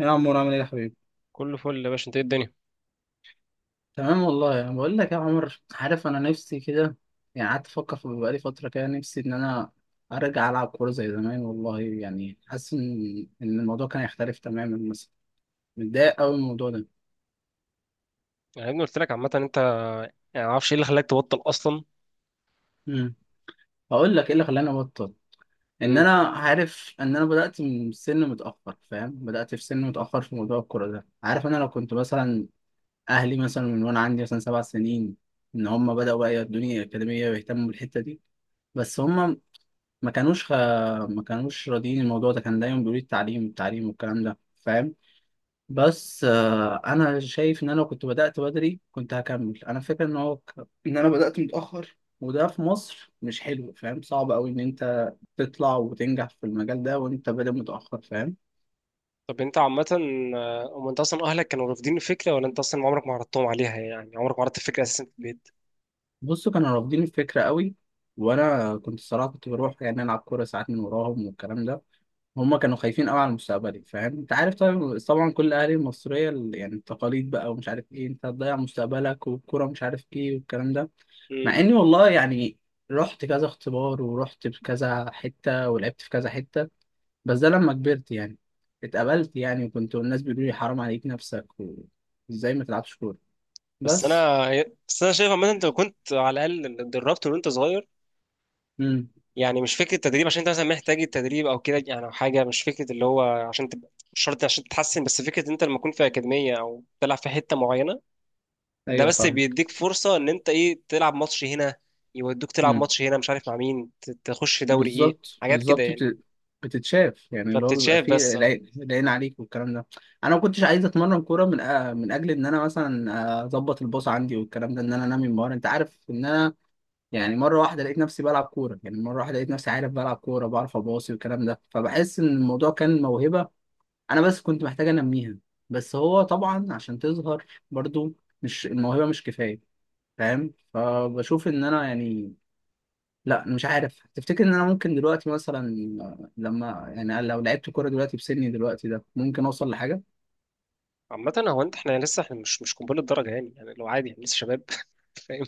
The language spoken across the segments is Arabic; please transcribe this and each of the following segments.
يا عمور، عامل ايه يا حبيبي؟ كله فل يا باشا، انت ايه الدنيا؟ تمام والله. انا بقول لك يا عمر، عارف، انا نفسي كده يعني. قعدت افكر في بقالي فتره كده، نفسي ان انا ارجع العب كوره زي زمان والله. يعني حاسس إن الموضوع كان هيختلف تماما مثلا. متضايق قوي من الموضوع ده. يعني يا ابني قلت لك عامه انت، يعني ما اعرفش ايه اللي خلاك تبطل اصلا. امم هقول لك ايه اللي خلاني ابطل. ان امم انا عارف ان انا بدات من سن متاخر. فاهم، بدات في سن متاخر في موضوع الكوره ده. عارف، انا لو كنت مثلا اهلي مثلا من وانا عندي مثلا 7 سنين، ان هم بداوا بقى يودوني اكاديميه ويهتموا بالحته دي. بس هم ما كانوش خ... ما كانوش راضيين. الموضوع ده كان دايما بيقولوا لي التعليم التعليم والكلام ده. فاهم. بس انا شايف ان انا لو كنت بدأت بدري كنت هكمل. انا فاكر ان انا بدأت متأخر، وده في مصر مش حلو. فاهم، صعب قوي ان انت تطلع وتنجح في المجال ده وانت بادئ متأخر. فاهم. طب انت عامه، هم انت اصلا اهلك كانوا رافضين الفكره، ولا انت اصلا عمرك ما عرضتهم عليها؟ يعني عمرك ما عرضت الفكره اساسا في البيت. بصوا، كانوا رافضين الفكرة قوي. وانا كنت الصراحة كنت بروح يعني العب كورة ساعات من وراهم والكلام ده. هما كانوا خايفين قوي على مستقبلي. فاهم، انت عارف طبعا طبعا كل اهالي المصريه يعني التقاليد بقى ومش عارف ايه، انت هتضيع مستقبلك والكوره مش عارف ايه والكلام ده. مع امم اني والله يعني رحت كذا اختبار ورحت في كذا حته ولعبت في كذا حته. بس ده لما كبرت يعني اتقبلت يعني. وكنت الناس بيقولوا لي حرام عليك نفسك، وازاي ما تلعبش كوره. بس بس. انا بس انا شايف عامه انت لو كنت على الاقل اتدربت وانت صغير، امم يعني مش فكره تدريب عشان انت مثلا محتاج التدريب او كده يعني او حاجه، مش فكره اللي هو عشان تبقى مش شرط عشان تتحسن، بس فكره انت لما تكون في اكاديميه او تلعب في حته معينه، ده ايوه، بس فاهم. بيديك فرصة ان انت ايه تلعب ماتش هنا، يودوك تلعب ماتش هنا مش عارف مع مين، تخش في دوري ايه، بالظبط حاجات كده بالظبط، يعني. بتتشاف يعني. اللي هو بيبقى فبتتشاف فيه بس اه. العين العين عليك والكلام ده. انا ما كنتش عايز اتمرن كوره من اجل ان انا مثلا اظبط الباص عندي والكلام ده، ان انا انمي مهاره. انت عارف ان انا يعني مره واحده لقيت نفسي بلعب كوره. يعني مره واحده لقيت نفسي عارف بلعب كوره، بعرف اباصي والكلام ده. فبحس ان الموضوع كان موهبه، انا بس كنت محتاج انميها. بس هو طبعا عشان تظهر برضو مش الموهبه مش كفايه. فاهم، فبشوف ان انا يعني، لا أنا مش عارف. تفتكر ان انا ممكن دلوقتي مثلا لما يعني، لو لعبت كوره دلوقتي بسني دلوقتي ده، ممكن اوصل لحاجه؟ عامة هو انت، احنا لسه، احنا مش قنبلة درجة، يعني يعني لو عادي احنا لسه شباب فاهم؟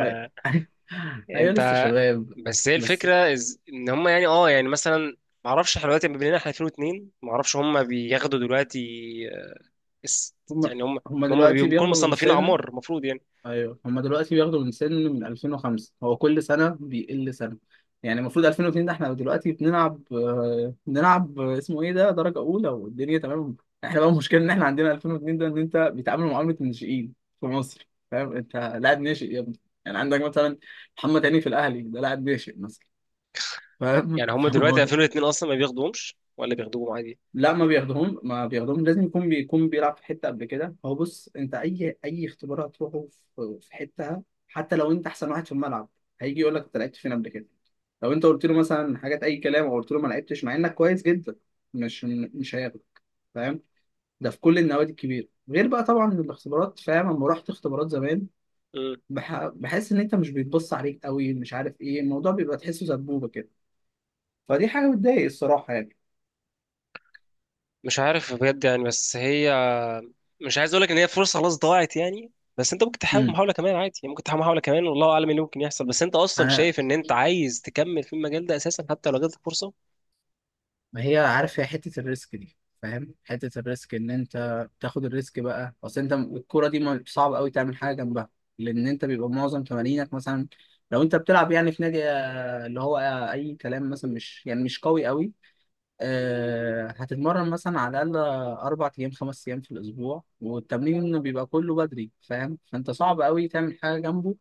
أي- ايوه، لسه فانت، شباب. بس هي بس الفكرة ان هم يعني اه يعني مثلا، معرفش احنا دلوقتي بما اننا احنا 2002، معرفش هم بياخدوا دلوقتي. آه، اس- هم يعني هم، هم هم دلوقتي بيكونوا بياخدوا من مصنفين سن. اعمار المفروض يعني. ايوه، هما دلوقتي بياخدوا من سن، من 2005. هو كل سنه بيقل سنه. يعني المفروض 2002 ده احنا دلوقتي بنلعب، بنلعب، اسمه ايه ده، درجه اولى، والدنيا تمام. احنا بقى المشكله ان احنا عندنا 2002 ده ان انت بيتعاملوا معامله الناشئين في مصر. فاهم، انت لاعب ناشئ يا ابني. يعني عندك مثلا محمد هاني في الاهلي ده لاعب ناشئ مثلا. فاهم. يعني هم دلوقتي 2002 اصلا ما بياخدوهمش، ولا بياخدوهم عادي؟ لا، ما بياخدهم ما بياخدهم. لازم يكون بيلعب في حته قبل كده. هو بص، انت اي اختبار هتروحه في حتة، حتى لو انت احسن واحد في الملعب، هيجي يقول لك انت لعبت فين قبل كده؟ لو انت قلت له مثلا حاجات اي كلام او قلت له ما لعبتش، مع انك كويس جدا، مش مش هياخدك. فاهم. ده في كل النوادي الكبيره غير بقى طبعا الاختبارات. فاهم، لما رحت اختبارات زمان، بحس ان انت مش بيتبص عليك قوي. مش عارف ايه، الموضوع بيبقى تحسه سبوبه كده. فدي حاجه بتضايق الصراحه يعني. مش عارف بجد يعني. بس هي، مش عايز اقول لك ان هي فرصه خلاص ضاعت يعني، بس انت ممكن تحاول امم محاول كمان عادي يعني، ممكن تحاول محاول كمان والله اعلم ايه اللي ممكن يحصل. بس انت اصلا انا، شايف ان انت عايز تكمل في المجال ده اساسا، حتى لو جاتلك فرصه؟ ما، هي عارف، هي حتة الريسك دي. فاهم، حتة الريسك ان انت تاخد الريسك بقى. اصل انت الكورة دي صعب قوي تعمل حاجة جنبها، لان انت بيبقى معظم تمارينك مثلا، لو انت بتلعب يعني في نادي، اللي هو، اي كلام مثلا، مش يعني مش قوي قوي. هتتمرن مثلا على الاقل 4 ايام 5 ايام في الاسبوع، والتمرين بيبقى كله بدري. فاهم، فانت صعب قوي تعمل حاجة جنبه.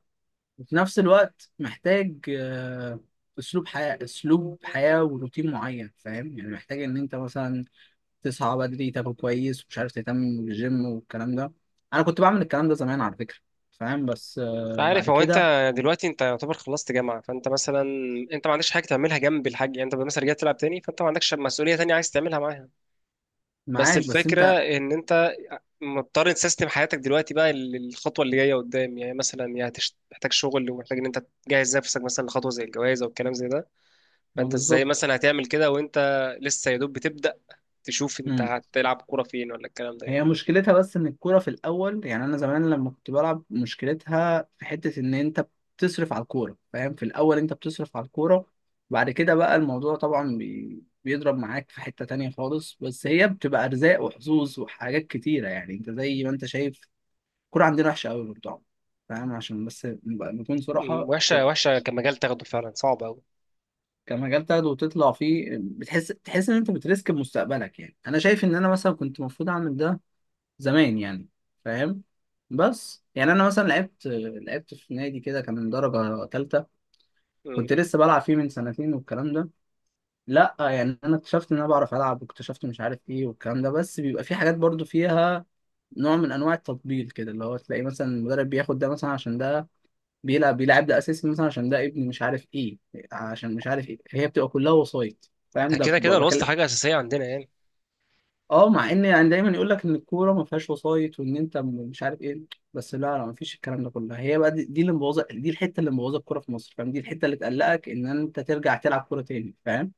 وفي نفس الوقت محتاج اسلوب حياة وروتين معين. فاهم، يعني محتاج ان انت مثلا تصحى بدري، تاكل كويس، ومش عارف تهتم بالجيم والكلام ده. انا كنت بعمل الكلام ده زمان على فكرة. فاهم. بس مش عارف بعد هو انت، كده دلوقتي انت يعتبر خلصت جامعه، فانت مثلا انت ما عندكش حاجه تعملها جنب الحاج يعني، انت مثلا رجعت تلعب تاني فانت ما عندكش مسؤوليه تانية عايز تعملها معاها. بس معاك. بس الفكره انت، ان انت مضطر تسيستم حياتك دلوقتي بقى للخطوه اللي جايه قدام، يعني مثلا يا هتحتاج شغل، ومحتاج ان انت تجهز نفسك مثلا لخطوه زي الجواز او الكلام زي ده. ما، فانت ازاي بالظبط. مثلا هتعمل كده وانت لسه يا دوب بتبدأ تشوف انت هتلعب كورة فين ولا الكلام ده يعني؟ هي مشكلتها بس ان الكوره في الاول يعني، انا زمان لما كنت بلعب، مشكلتها في حته ان انت بتصرف على الكوره. فاهم، في الاول انت بتصرف على الكوره. بعد كده بقى الموضوع طبعا بيضرب معاك في حته تانية خالص. بس هي بتبقى ارزاق وحظوظ وحاجات كتيره. يعني انت زي ما انت شايف، الكوره عندنا وحشه قوي برضه. فاهم، عشان بس نكون صراحه، وحشة، الكورة وحشة كمجال تاخده، فعلا صعب قوي. كمجال تاخده وتطلع فيه، بتحس ان انت بتريسك بمستقبلك. يعني انا شايف ان انا مثلا كنت المفروض اعمل ده زمان يعني. فاهم. بس يعني انا مثلا لعبت في نادي كده كان من درجه ثالثه. كنت لسه بلعب فيه من سنتين والكلام ده. لا يعني انا اكتشفت ان انا بعرف العب، واكتشفت مش عارف ايه والكلام ده. بس بيبقى في حاجات برضو فيها نوع من انواع التطبيل كده، اللي هو تلاقي مثلا المدرب بياخد ده مثلا عشان ده بيلعب. ده اساسي مثلا عشان ده ابن مش عارف ايه، عشان مش عارف ايه. هي بتبقى كلها وسايط. فاهم، ده ده كده كده الوسط بكلم. حاجة أساسية عندنا يعني. اه، مع ان يعني دايما يقول لك ان الكوره ما فيهاش وسايط، وان انت مش عارف ايه. بس لا لا، ما فيش الكلام ده كله. هي بقى دي اللي مبوظه. دي الحته اللي مبوظه الكوره في مصر. فاهم، دي الحته اللي تقلقك ان انت ترجع تلعب كوره تاني. فاهم.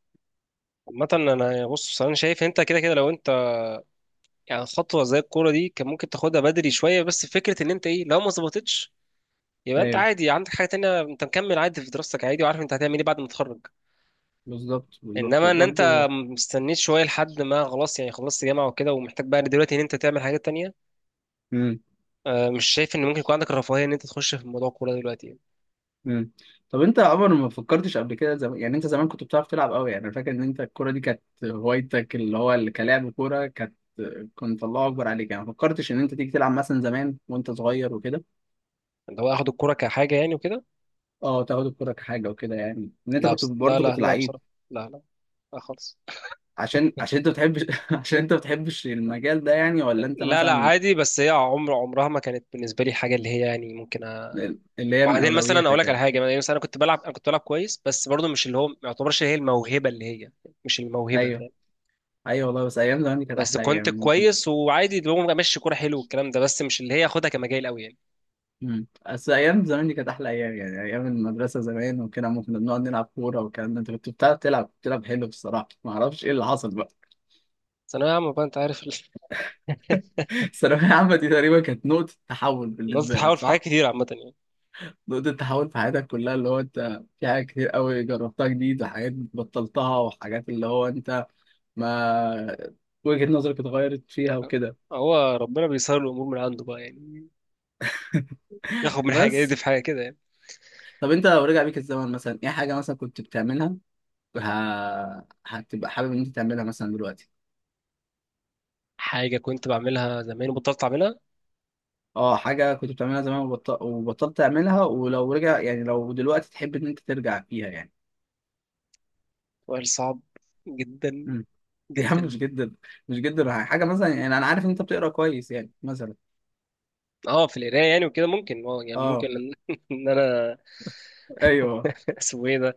عامة أنا، بص أنا شايف أنت كده كده لو أنت يعني خطوة زي الكورة دي كان ممكن تاخدها بدري شوية، بس فكرة إن أنت إيه لو ما ظبطتش، يبقى أنت ايوه، عادي عندك حاجة تانية، أنت مكمل عادي في دراستك عادي، وعارف أنت هتعمل إيه بعد ما تتخرج. بالظبط بالظبط إنما إن أنت وبرده. مستنيت شوية لحد ما خلاص يعني خلصت جامعة وكده، ومحتاج بقى دلوقتي إن أنت تعمل حاجات تانية، امم مش شايف ان ممكن يكون عندك الرفاهيه ان انت تخش في موضوع الكوره ده دلوقتي يعني. امم طب انت يا عمر ما فكرتش قبل كده، يعني انت زمان كنت بتعرف تلعب قوي. يعني انا فاكر ان انت الكوره دي كانت هوايتك، اللي هو اللي كلاعب كوره كانت، كنت الله اكبر عليك يعني. ما فكرتش ان انت تيجي تلعب مثلا زمان وانت صغير وكده؟ اللي هو اخد الكوره كحاجه يعني وكده؟ اه، تاخد الكوره كحاجه وكده يعني، ان انت لا، كنت بس لا برضه لا كنت لا لعيب. بصراحه، لا لا، لا خالص. عشان انت بتحبش؟ عشان انت بتحبش المجال ده، يعني، ولا انت لا لا مثلا عادي، بس هي عمر، عمرها ما كانت بالنسبه لي حاجه اللي هي يعني ممكن اللي هي من بعدين مثلا اقول اولوياتك لك على يعني؟ حاجه. يعني مثلا انا كنت بلعب كويس، بس برضه مش اللي هو، ما يعتبرش هي الموهبه اللي هي، مش الموهبه ايوه فاهم؟ ايوه، والله. بس ايام زمان دي كانت بس احلى ايام كنت يعني، ممكن. كويس وعادي اللي هو ماشي كوره حلو والكلام ده، بس مش اللي هي اخدها كمجال قوي يعني. بس ايام زمان دي كانت احلى ايام يعني. ايام المدرسه زمان وكده، ممكن بنقعد نلعب كوره والكلام ده. انت كنت بتعرف تلعب، بتلعب حلو بصراحه. ما اعرفش ايه اللي حصل بقى. بس انا يا عم بقى انت عارف، الثانويه العامه دي تقريبا كانت نقطه تحول الناس بالنسبه بتحاول لك، في حاجات صح؟ كتير عامه يعني. نقطة تحول في حياتك كلها، اللي هو انت في حاجات كتير قوي جربتها جديد، وحاجات بطلتها، وحاجات اللي هو انت ما وجهة نظرك اتغيرت فيها وكده. هو ربنا بيسهل الامور من عنده بقى يعني، ياخد من حاجه يدي بس. في حاجه كده يعني. طب انت لو رجع بيك الزمن مثلا، ايه حاجة مثلا كنت بتعملها ه... هتبقى حابب ان انت تعملها مثلا دلوقتي؟ حاجه كنت بعملها زمان وبطلت اعملها؟ اه، حاجة كنت بتعملها زمان وبطلت تعملها، ولو رجع يعني، لو دلوقتي تحب ان انت ترجع فيها يعني؟ وقال صعب جدا، امم يا عم، جدا. مش جدا. مش جدا حاجة مثلا يعني، انا عارف ان انت بتقرا كويس يعني مثلا. اه في القرايه يعني وكده، ممكن اه يعني ممكن اه، ان إن انا ايوه. اسمه ايه ده؟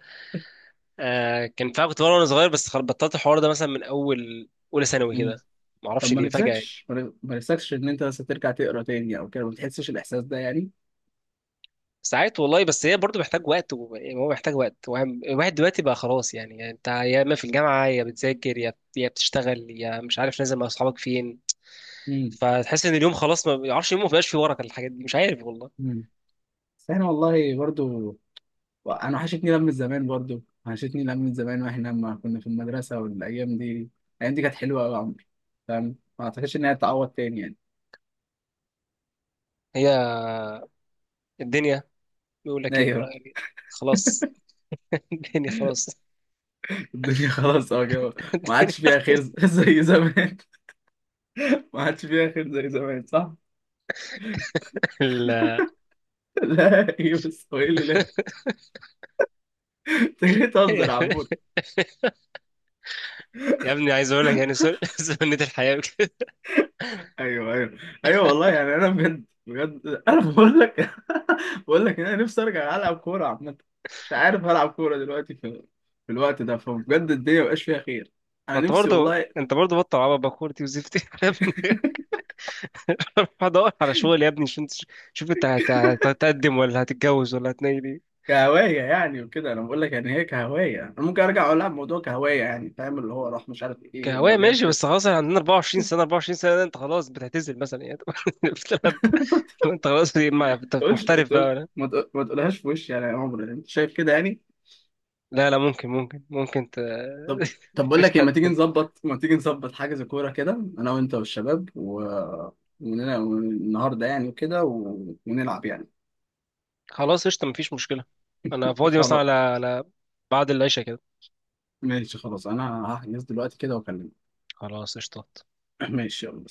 آه، كان فعلا كنت بقرا وانا صغير، بس بطلت الحوار ده مثلا من اول اولى ثانوي كده، ما طب اعرفش ما ليه فجاه يعني. نفسكش ما ما نفسكش ان انت بس ترجع تقرا تاني او كده؟ ما بتحسش الاحساس ده يعني؟ ساعات والله، بس هي برضه محتاج وقت يعني هو محتاج وقت. الواحد دلوقتي بقى خلاص يعني, يعني انت يا اما في الجامعه يا بتذاكر، يا بتشتغل، يا مش عارف نازل مع اصحابك فين. امم فتحس ان اليوم خلاص، ما بيعرفش يوم ما بقاش فيه ورقه، الحاجات دي مش عارف والله. امم بس احنا والله برضو. انا وحشتني لم زمان. برضو وحشتني لم زمان، واحنا لما كنا في المدرسه والايام دي. الايام دي كانت حلوه قوي يا عمرو. فاهم، ما اعتقدش انها تتعوض تاني يعني. هي الدنيا بيقول لك ايه بقى ايوه، يعني، خلاص. الدنيا خلاص. الدنيا خلاص، اه كده. ما عادش الدنيا فيها خير زي زمان. ما عادش فيها خير زي زمان، صح؟ ال- لا ايه، بس هو ايه اللي، لا. انت جاي تهزر يا عم؟ يا ابني عايز اقول لك يعني سنة الحياة كده. ايوه ايوه ايوه، والله يعني. انا بجد بجد، انا بقول لك، بقول لك إن انا نفسي ارجع العب كوره عامه. مش عارف، العب كوره دلوقتي في الوقت ده؟ فبجد الدنيا مبقاش فيها خير. ما انا انت نفسي برضه، والله. انت برضه بطل عبط بكورتي وزفتي يا ابني، روح ادور على شغل يا ابني عشان شوف انت هتقدم ولا هتتجوز ولا هتنيل ايه. كهوايه يعني وكده، انا بقول لك يعني هي كهوايه. انا ممكن ارجع العب موضوع كهوايه يعني. فاهم، اللي هو راح مش عارف ايه كهواية الدوريات ماشي، بس خلاص احنا عندنا 24 سنة، 24 سنة ده انت خلاص بتعتزل مثلا يعني؟ بتلعب، ما انت خلاص انت تقولش ما محترف تقول- بقى. ما تقولهاش في وشي يعني. يا عمر، انت شايف كده يعني؟ لا لا، ممكن طب طب، بقول لك ايه، ترجع ما تيجي تاني. نظبط ما تيجي نظبط حاجة زي كورة كده؟ انا وانت والشباب ونلعب النهارده يعني وكده، ونلعب يعني. خلاص قشطة مفيش مشكلة، أنا فاضي مثلا خلاص، على بعد العشاء كده. ماشي. خلاص، انا هحجز دلوقتي كده واكلمك. خلاص قشطة. ماشي، يلا.